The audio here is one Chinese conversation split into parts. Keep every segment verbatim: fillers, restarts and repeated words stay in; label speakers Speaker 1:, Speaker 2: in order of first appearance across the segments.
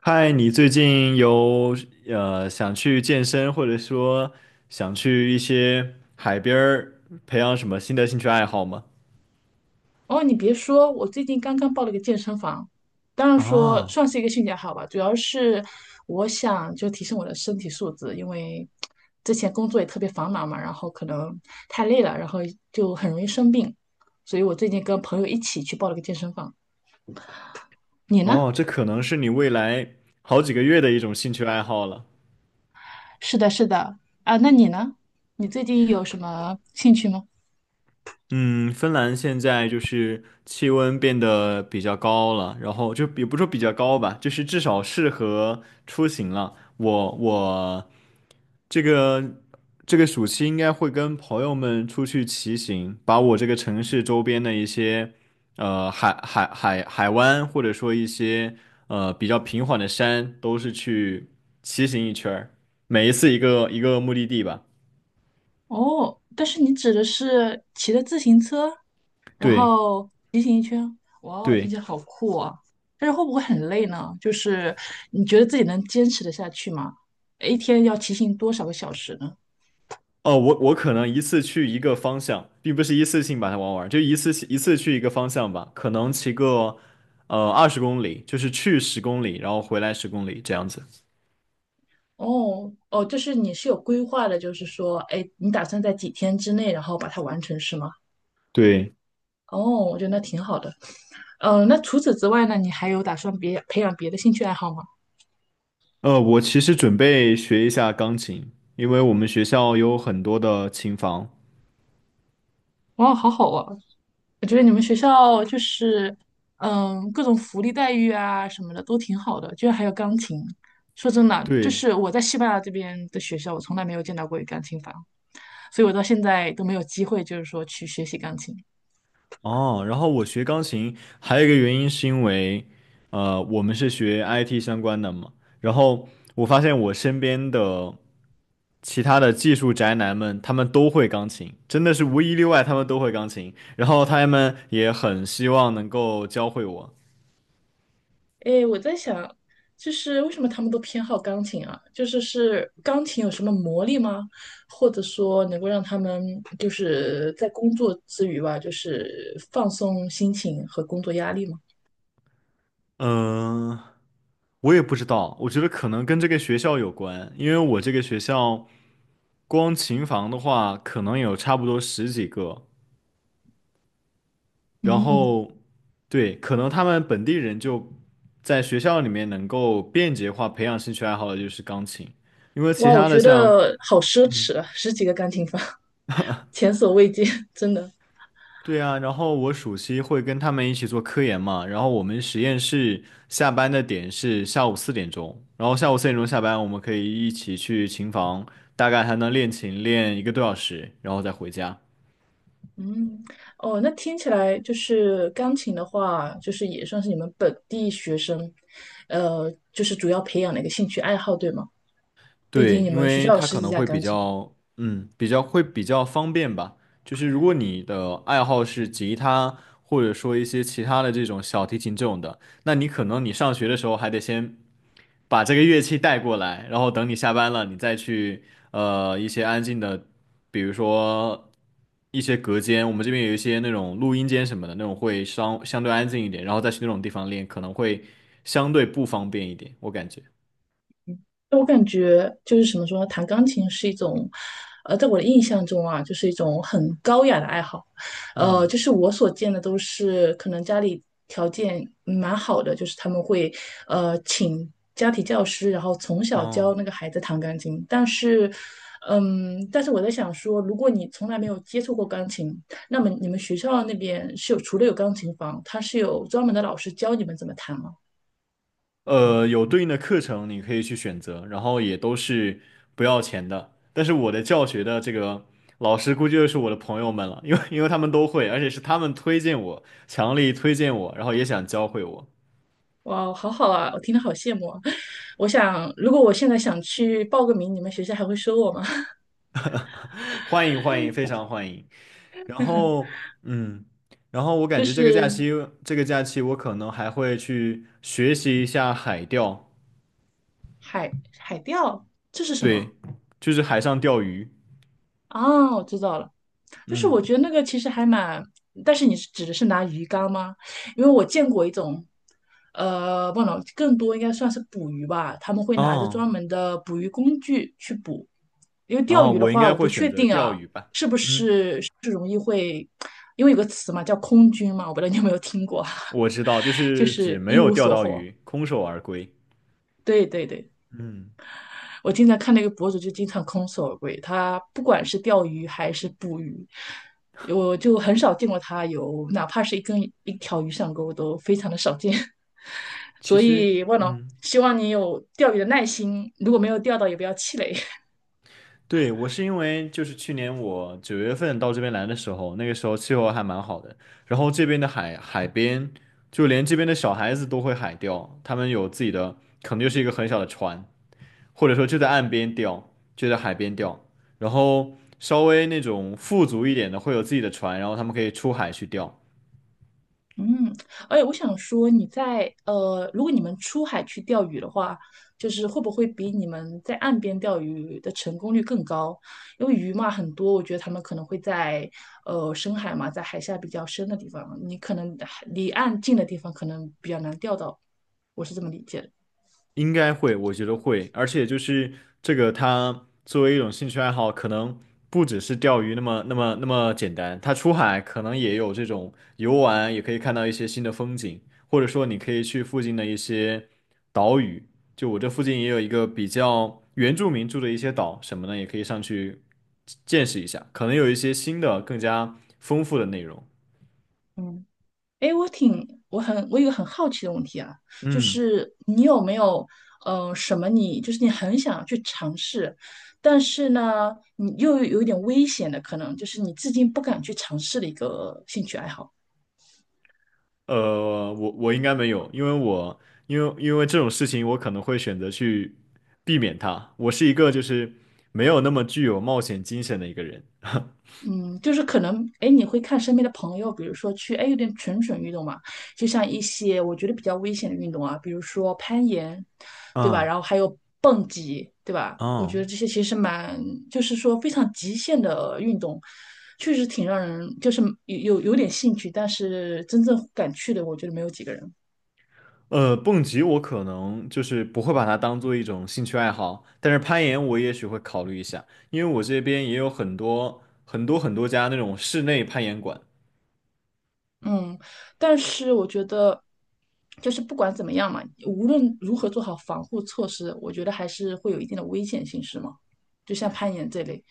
Speaker 1: 嗨，你最近有呃想去健身，或者说想去一些海边儿培养什么新的兴趣爱好吗？
Speaker 2: 哦，你别说，我最近刚刚报了个健身房，当然说
Speaker 1: 啊，
Speaker 2: 算是一个兴趣爱好吧，主要是我想就提升我的身体素质，因为之前工作也特别繁忙嘛，然后可能太累了，然后就很容易生病，所以我最近跟朋友一起去报了个健身房。你呢？
Speaker 1: 哦，这可能是你未来好几个月的一种兴趣爱好了。
Speaker 2: 是的，是的，啊，那你呢？你最近有什么兴趣吗？
Speaker 1: 嗯，芬兰现在就是气温变得比较高了，然后就也不说比较高吧，就是至少适合出行了。我我这个这个暑期应该会跟朋友们出去骑行，把我这个城市周边的一些呃海海海海湾，或者说一些呃比较平缓的山，都是去骑行一圈儿，每一次一个一个目的地吧。
Speaker 2: 哦，但是你指的是骑着自行车，然
Speaker 1: 对
Speaker 2: 后骑行一圈，哇哦，听
Speaker 1: 对。
Speaker 2: 起来好酷啊！但是会不会很累呢？就是你觉得自己能坚持得下去吗？一天要骑行多少个小时呢？
Speaker 1: 哦，我我可能一次去一个方向，并不是一次性把它玩完，就一次性一次去一个方向吧，可能骑个呃二十公里，就是去十公里，然后回来十公里这样子。
Speaker 2: 哦哦，就是你是有规划的，就是说，哎，你打算在几天之内，然后把它完成，是吗？
Speaker 1: 对，
Speaker 2: 哦，我觉得那挺好的。嗯，那除此之外呢，你还有打算别培养别的兴趣爱好吗？
Speaker 1: 呃，我其实准备学一下钢琴，因为我们学校有很多的琴房。
Speaker 2: 哇，好好啊！我觉得你们学校就是，嗯，各种福利待遇啊什么的都挺好的，居然还有钢琴。说真的，就
Speaker 1: 对，
Speaker 2: 是我在西班牙这边的学校，我从来没有见到过有钢琴房，所以我到现在都没有机会，就是说去学习钢琴。
Speaker 1: 哦，然后我学钢琴还有一个原因是因为，呃，我们是学 I T 相关的嘛，然后我发现我身边的。其他的技术宅男们，他们都会钢琴，真的是无一例外，他们都会钢琴。然后他们也很希望能够教会我。
Speaker 2: 诶，我在想，就是为什么他们都偏好钢琴啊？就是是钢琴有什么魔力吗？或者说能够让他们就是在工作之余吧，就是放松心情和工作压力吗？
Speaker 1: 嗯，我也不知道，我觉得可能跟这个学校有关，因为我这个学校光琴房的话，可能有差不多十几个。然
Speaker 2: 嗯，
Speaker 1: 后，对，可能他们本地人就在学校里面能够便捷化培养兴趣爱好的就是钢琴，因为其
Speaker 2: 哇，我
Speaker 1: 他的
Speaker 2: 觉
Speaker 1: 像
Speaker 2: 得好奢侈啊，十几个钢琴房，前所未见，真的。
Speaker 1: 对啊，然后我暑期会跟他们一起做科研嘛，然后我们实验室下班的点是下午四点钟，然后下午四点钟下班，我们可以一起去琴房，大概还能练琴练一个多小时，然后再回家。
Speaker 2: 嗯，哦，那听起来就是钢琴的话，就是也算是你们本地学生，呃，就是主要培养的一个兴趣爱好，对吗？毕
Speaker 1: 对，
Speaker 2: 竟你
Speaker 1: 因
Speaker 2: 们学
Speaker 1: 为
Speaker 2: 校有
Speaker 1: 它
Speaker 2: 十
Speaker 1: 可
Speaker 2: 几
Speaker 1: 能
Speaker 2: 架
Speaker 1: 会比
Speaker 2: 钢琴。
Speaker 1: 较，嗯，比较会比较方便吧。就是如果你的爱好是吉他，或者说一些其他的这种小提琴这种的，那你可能你上学的时候还得先把这个乐器带过来，然后等你下班了，你再去呃一些安静的，比如说一些隔间，我们这边有一些那种录音间什么的，那种会相相对安静一点，然后再去那种地方练，可能会相对不方便一点，我感觉。
Speaker 2: 我感觉就是怎么说呢，弹钢琴是一种，呃，在我的印象中啊，就是一种很高雅的爱好。呃，
Speaker 1: 嗯，
Speaker 2: 就是我所见的都是可能家里条件蛮好的，就是他们会呃请家庭教师，然后从小教
Speaker 1: 哦。
Speaker 2: 那个孩子弹钢琴。但是，嗯，但是我在想说，如果你从来没有接触过钢琴，那么你们学校那边是有除了有钢琴房，它是有专门的老师教你们怎么弹吗？
Speaker 1: 呃，有对应的课程你可以去选择，然后也都是不要钱的。但是我的教学的这个老师估计就是我的朋友们了，因为因为他们都会，而且是他们推荐我，强力推荐我，然后也想教会我，
Speaker 2: 哇，好好啊，我听得好羡慕啊。我想，如果我现在想去报个名，你们学校还会收我吗？
Speaker 1: 欢迎欢迎，非常欢迎。然后嗯，然后我 感
Speaker 2: 就
Speaker 1: 觉这个假
Speaker 2: 是
Speaker 1: 期这个假期我可能还会去学习一下海钓，
Speaker 2: 海海钓，这是什么？
Speaker 1: 对，就是海上钓鱼。
Speaker 2: 啊，我知道了。但是
Speaker 1: 嗯，
Speaker 2: 我觉得那个其实还蛮，但是你是指的是拿鱼竿吗？因为我见过一种，呃，不能更多应该算是捕鱼吧，他们会拿着
Speaker 1: 哦
Speaker 2: 专门的捕鱼工具去捕。因为钓
Speaker 1: 哦，
Speaker 2: 鱼的
Speaker 1: 我应
Speaker 2: 话，
Speaker 1: 该
Speaker 2: 我不
Speaker 1: 会选
Speaker 2: 确
Speaker 1: 择
Speaker 2: 定
Speaker 1: 钓
Speaker 2: 啊，
Speaker 1: 鱼吧。
Speaker 2: 是不
Speaker 1: 嗯。
Speaker 2: 是因为有个词嘛，叫空军嘛，我不知道你有没有听过，
Speaker 1: 我知道，就
Speaker 2: 就
Speaker 1: 是指
Speaker 2: 是
Speaker 1: 没
Speaker 2: 一
Speaker 1: 有
Speaker 2: 无
Speaker 1: 钓
Speaker 2: 所
Speaker 1: 到
Speaker 2: 获。
Speaker 1: 鱼，空手而归。
Speaker 2: 对对对，
Speaker 1: 嗯，
Speaker 2: 我经常看那个博主就经常空手而归，他不管是钓鱼还是捕鱼，我就很少见过他有哪怕是一根一条鱼上钩都非常的少见。
Speaker 1: 其
Speaker 2: 所
Speaker 1: 实，
Speaker 2: 以，万了，
Speaker 1: 嗯，
Speaker 2: 希望你有钓鱼的耐心，如果没有钓到也不要气馁。
Speaker 1: 对，我是因为就是去年我九月份到这边来的时候，那个时候气候还蛮好的，然后这边的海海边，就连这边的小孩子都会海钓，他们有自己的，可能就是一个很小的船，或者说就在岸边钓，就在海边钓，然后稍微那种富足一点的会有自己的船，然后他们可以出海去钓。
Speaker 2: 嗯，哎，我想说，你在呃，如果你们出海去钓鱼的话，就是会不会比你们在岸边钓鱼的成功率更高？因为鱼嘛很多，我觉得他们可能会在呃深海嘛，在海下比较深的地方，你可能离岸近的地方可能比较难钓到，我是这么理解的。
Speaker 1: 应该会，我觉得会，而且就是这个，它作为一种兴趣爱好，可能不只是钓鱼那么那么那么简单，它出海可能也有这种游玩，也可以看到一些新的风景，或者说你可以去附近的一些岛屿，就我这附近也有一个比较原住民住的一些岛什么的，也可以上去见识一下，可能有一些新的更加丰富的内容。
Speaker 2: 嗯。哎，我挺，我很，我有一个很好奇的问题啊，就
Speaker 1: 嗯。
Speaker 2: 是你有没有，呃，什么你就是你很想去尝试，但是呢，你又有一点危险的，可能就是你至今不敢去尝试的一个兴趣爱好。
Speaker 1: 呃，我我应该没有，因为我因为因为这种事情，我可能会选择去避免它。我是一个就是没有那么具有冒险精神的一个人。
Speaker 2: 嗯，就是可能，哎，你会看身边的朋友，比如说去，哎，有点蠢蠢欲动嘛，就像一些我觉得比较危险的运动啊，比如说攀岩，对吧？
Speaker 1: 嗯
Speaker 2: 然后还有蹦极，对吧？我觉得
Speaker 1: 嗯
Speaker 2: 这些其实蛮，就是说非常极限的运动，确实挺让人就是有有有点兴趣，但是真正敢去的，我觉得没有几个人。
Speaker 1: 呃，蹦极我可能就是不会把它当做一种兴趣爱好，但是攀岩我也许会考虑一下，因为我这边也有很多很多很多家那种室内攀岩馆。
Speaker 2: 嗯，但是我觉得，就是不管怎么样嘛，无论如何做好防护措施，我觉得还是会有一定的危险性，是吗？就像攀岩这类。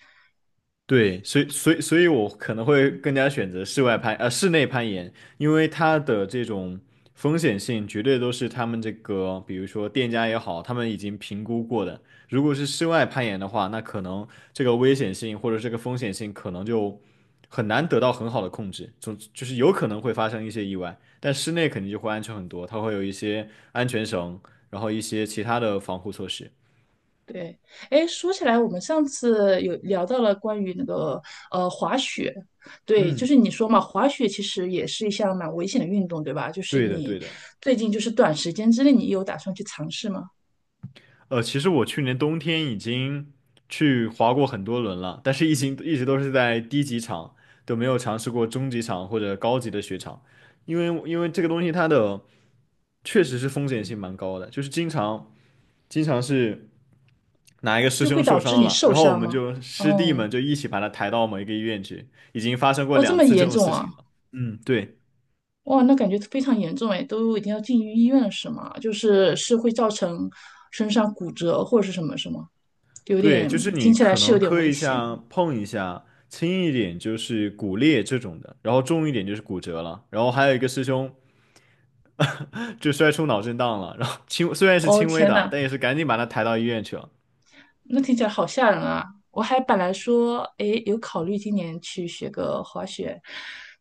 Speaker 1: 对，所以所以所以我可能会更加选择室外攀，呃，室内攀岩，因为它的这种风险性绝对都是他们这个，比如说店家也好，他们已经评估过的。如果是室外攀岩的话，那可能这个危险性或者这个风险性可能就很难得到很好的控制，总就是有可能会发生一些意外。但室内肯定就会安全很多，它会有一些安全绳，然后一些其他的防护措施。
Speaker 2: 对，哎，说起来，我们上次有聊到了关于那个呃滑雪，对，就
Speaker 1: 嗯，
Speaker 2: 是你说嘛，滑雪其实也是一项蛮危险的运动，对吧？就是
Speaker 1: 对的，
Speaker 2: 你
Speaker 1: 对的。
Speaker 2: 最近就是短时间之内，你有打算去尝试吗？
Speaker 1: 呃，其实我去年冬天已经去滑过很多轮了，但是一直一直都是在低级场，都没有尝试过中级场或者高级的雪场，因为因为这个东西它的确实是风险性蛮高的，就是经常经常是哪一个师
Speaker 2: 就会
Speaker 1: 兄受
Speaker 2: 导致
Speaker 1: 伤
Speaker 2: 你
Speaker 1: 了，
Speaker 2: 受
Speaker 1: 然后我
Speaker 2: 伤
Speaker 1: 们
Speaker 2: 吗？
Speaker 1: 就师弟
Speaker 2: 哦，
Speaker 1: 们就一起把他抬到某一个医院去，已经发生过
Speaker 2: 哦，这
Speaker 1: 两
Speaker 2: 么
Speaker 1: 次这
Speaker 2: 严
Speaker 1: 种
Speaker 2: 重
Speaker 1: 事
Speaker 2: 啊！
Speaker 1: 情了。嗯，对。
Speaker 2: 哇，那感觉非常严重哎，都已经要进医院了是吗？就是是会造成身上骨折或者是什么什么，有
Speaker 1: 对，
Speaker 2: 点
Speaker 1: 就是
Speaker 2: 听
Speaker 1: 你
Speaker 2: 起来
Speaker 1: 可
Speaker 2: 是有
Speaker 1: 能
Speaker 2: 点
Speaker 1: 磕
Speaker 2: 危
Speaker 1: 一下、
Speaker 2: 险。
Speaker 1: 碰一下，轻一点就是骨裂这种的，然后重一点就是骨折了，然后还有一个师兄就摔出脑震荡了，然后轻虽然是
Speaker 2: 哦
Speaker 1: 轻微
Speaker 2: 天
Speaker 1: 的，
Speaker 2: 呐，
Speaker 1: 但也是赶紧把他抬到医院去了。
Speaker 2: 那听起来好吓人啊！我还本来说，哎，有考虑今年去学个滑雪，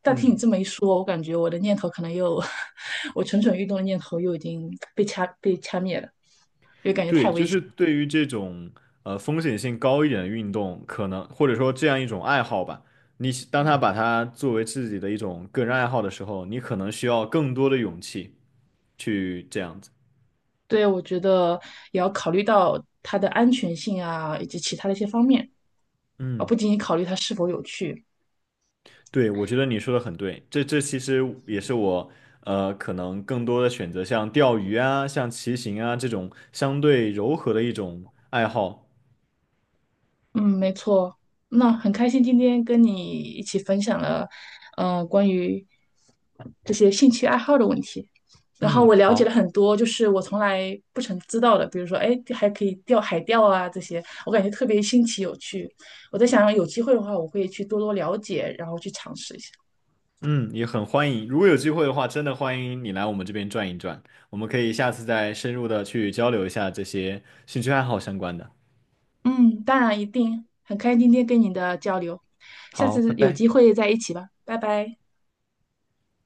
Speaker 2: 但听你
Speaker 1: 嗯，
Speaker 2: 这么一说，我感觉我的念头可能又，我蠢蠢欲动的念头又已经被掐被掐灭了。
Speaker 1: 对，就是对于这种呃风险性高一点的运动，可能或者说这样一种爱好吧，你当他把它作为自己的一种个人爱好的时候，你可能需要更多的勇气去这样子。
Speaker 2: 对，我觉得也要考虑到它的安全性啊，以及其他的一些方面，而
Speaker 1: 嗯。
Speaker 2: 不仅仅考虑它是否有趣。
Speaker 1: 对，我觉得你说的很对，这这其实也是我呃可能更多的选择，像钓鱼啊、像骑行啊这种相对柔和的一种爱好。
Speaker 2: 嗯，没错。那很开心今天跟你一起分享了，呃，关于这些兴趣爱好的问题。然后
Speaker 1: 嗯，
Speaker 2: 我了解了
Speaker 1: 好，
Speaker 2: 很多，就是我从来不曾知道的，比如说，哎，还可以钓海钓啊这些，我感觉特别新奇有趣。我在想，有机会的话，我会去多多了解，然后去尝试一下。
Speaker 1: 嗯，也很欢迎，如果有机会的话，真的欢迎你来我们这边转一转，我们可以下次再深入的去交流一下这些兴趣爱好相关的。
Speaker 2: 嗯，当然一定，很开心今天跟你的交流，下
Speaker 1: 好，拜
Speaker 2: 次有机
Speaker 1: 拜。
Speaker 2: 会再一起吧，拜拜。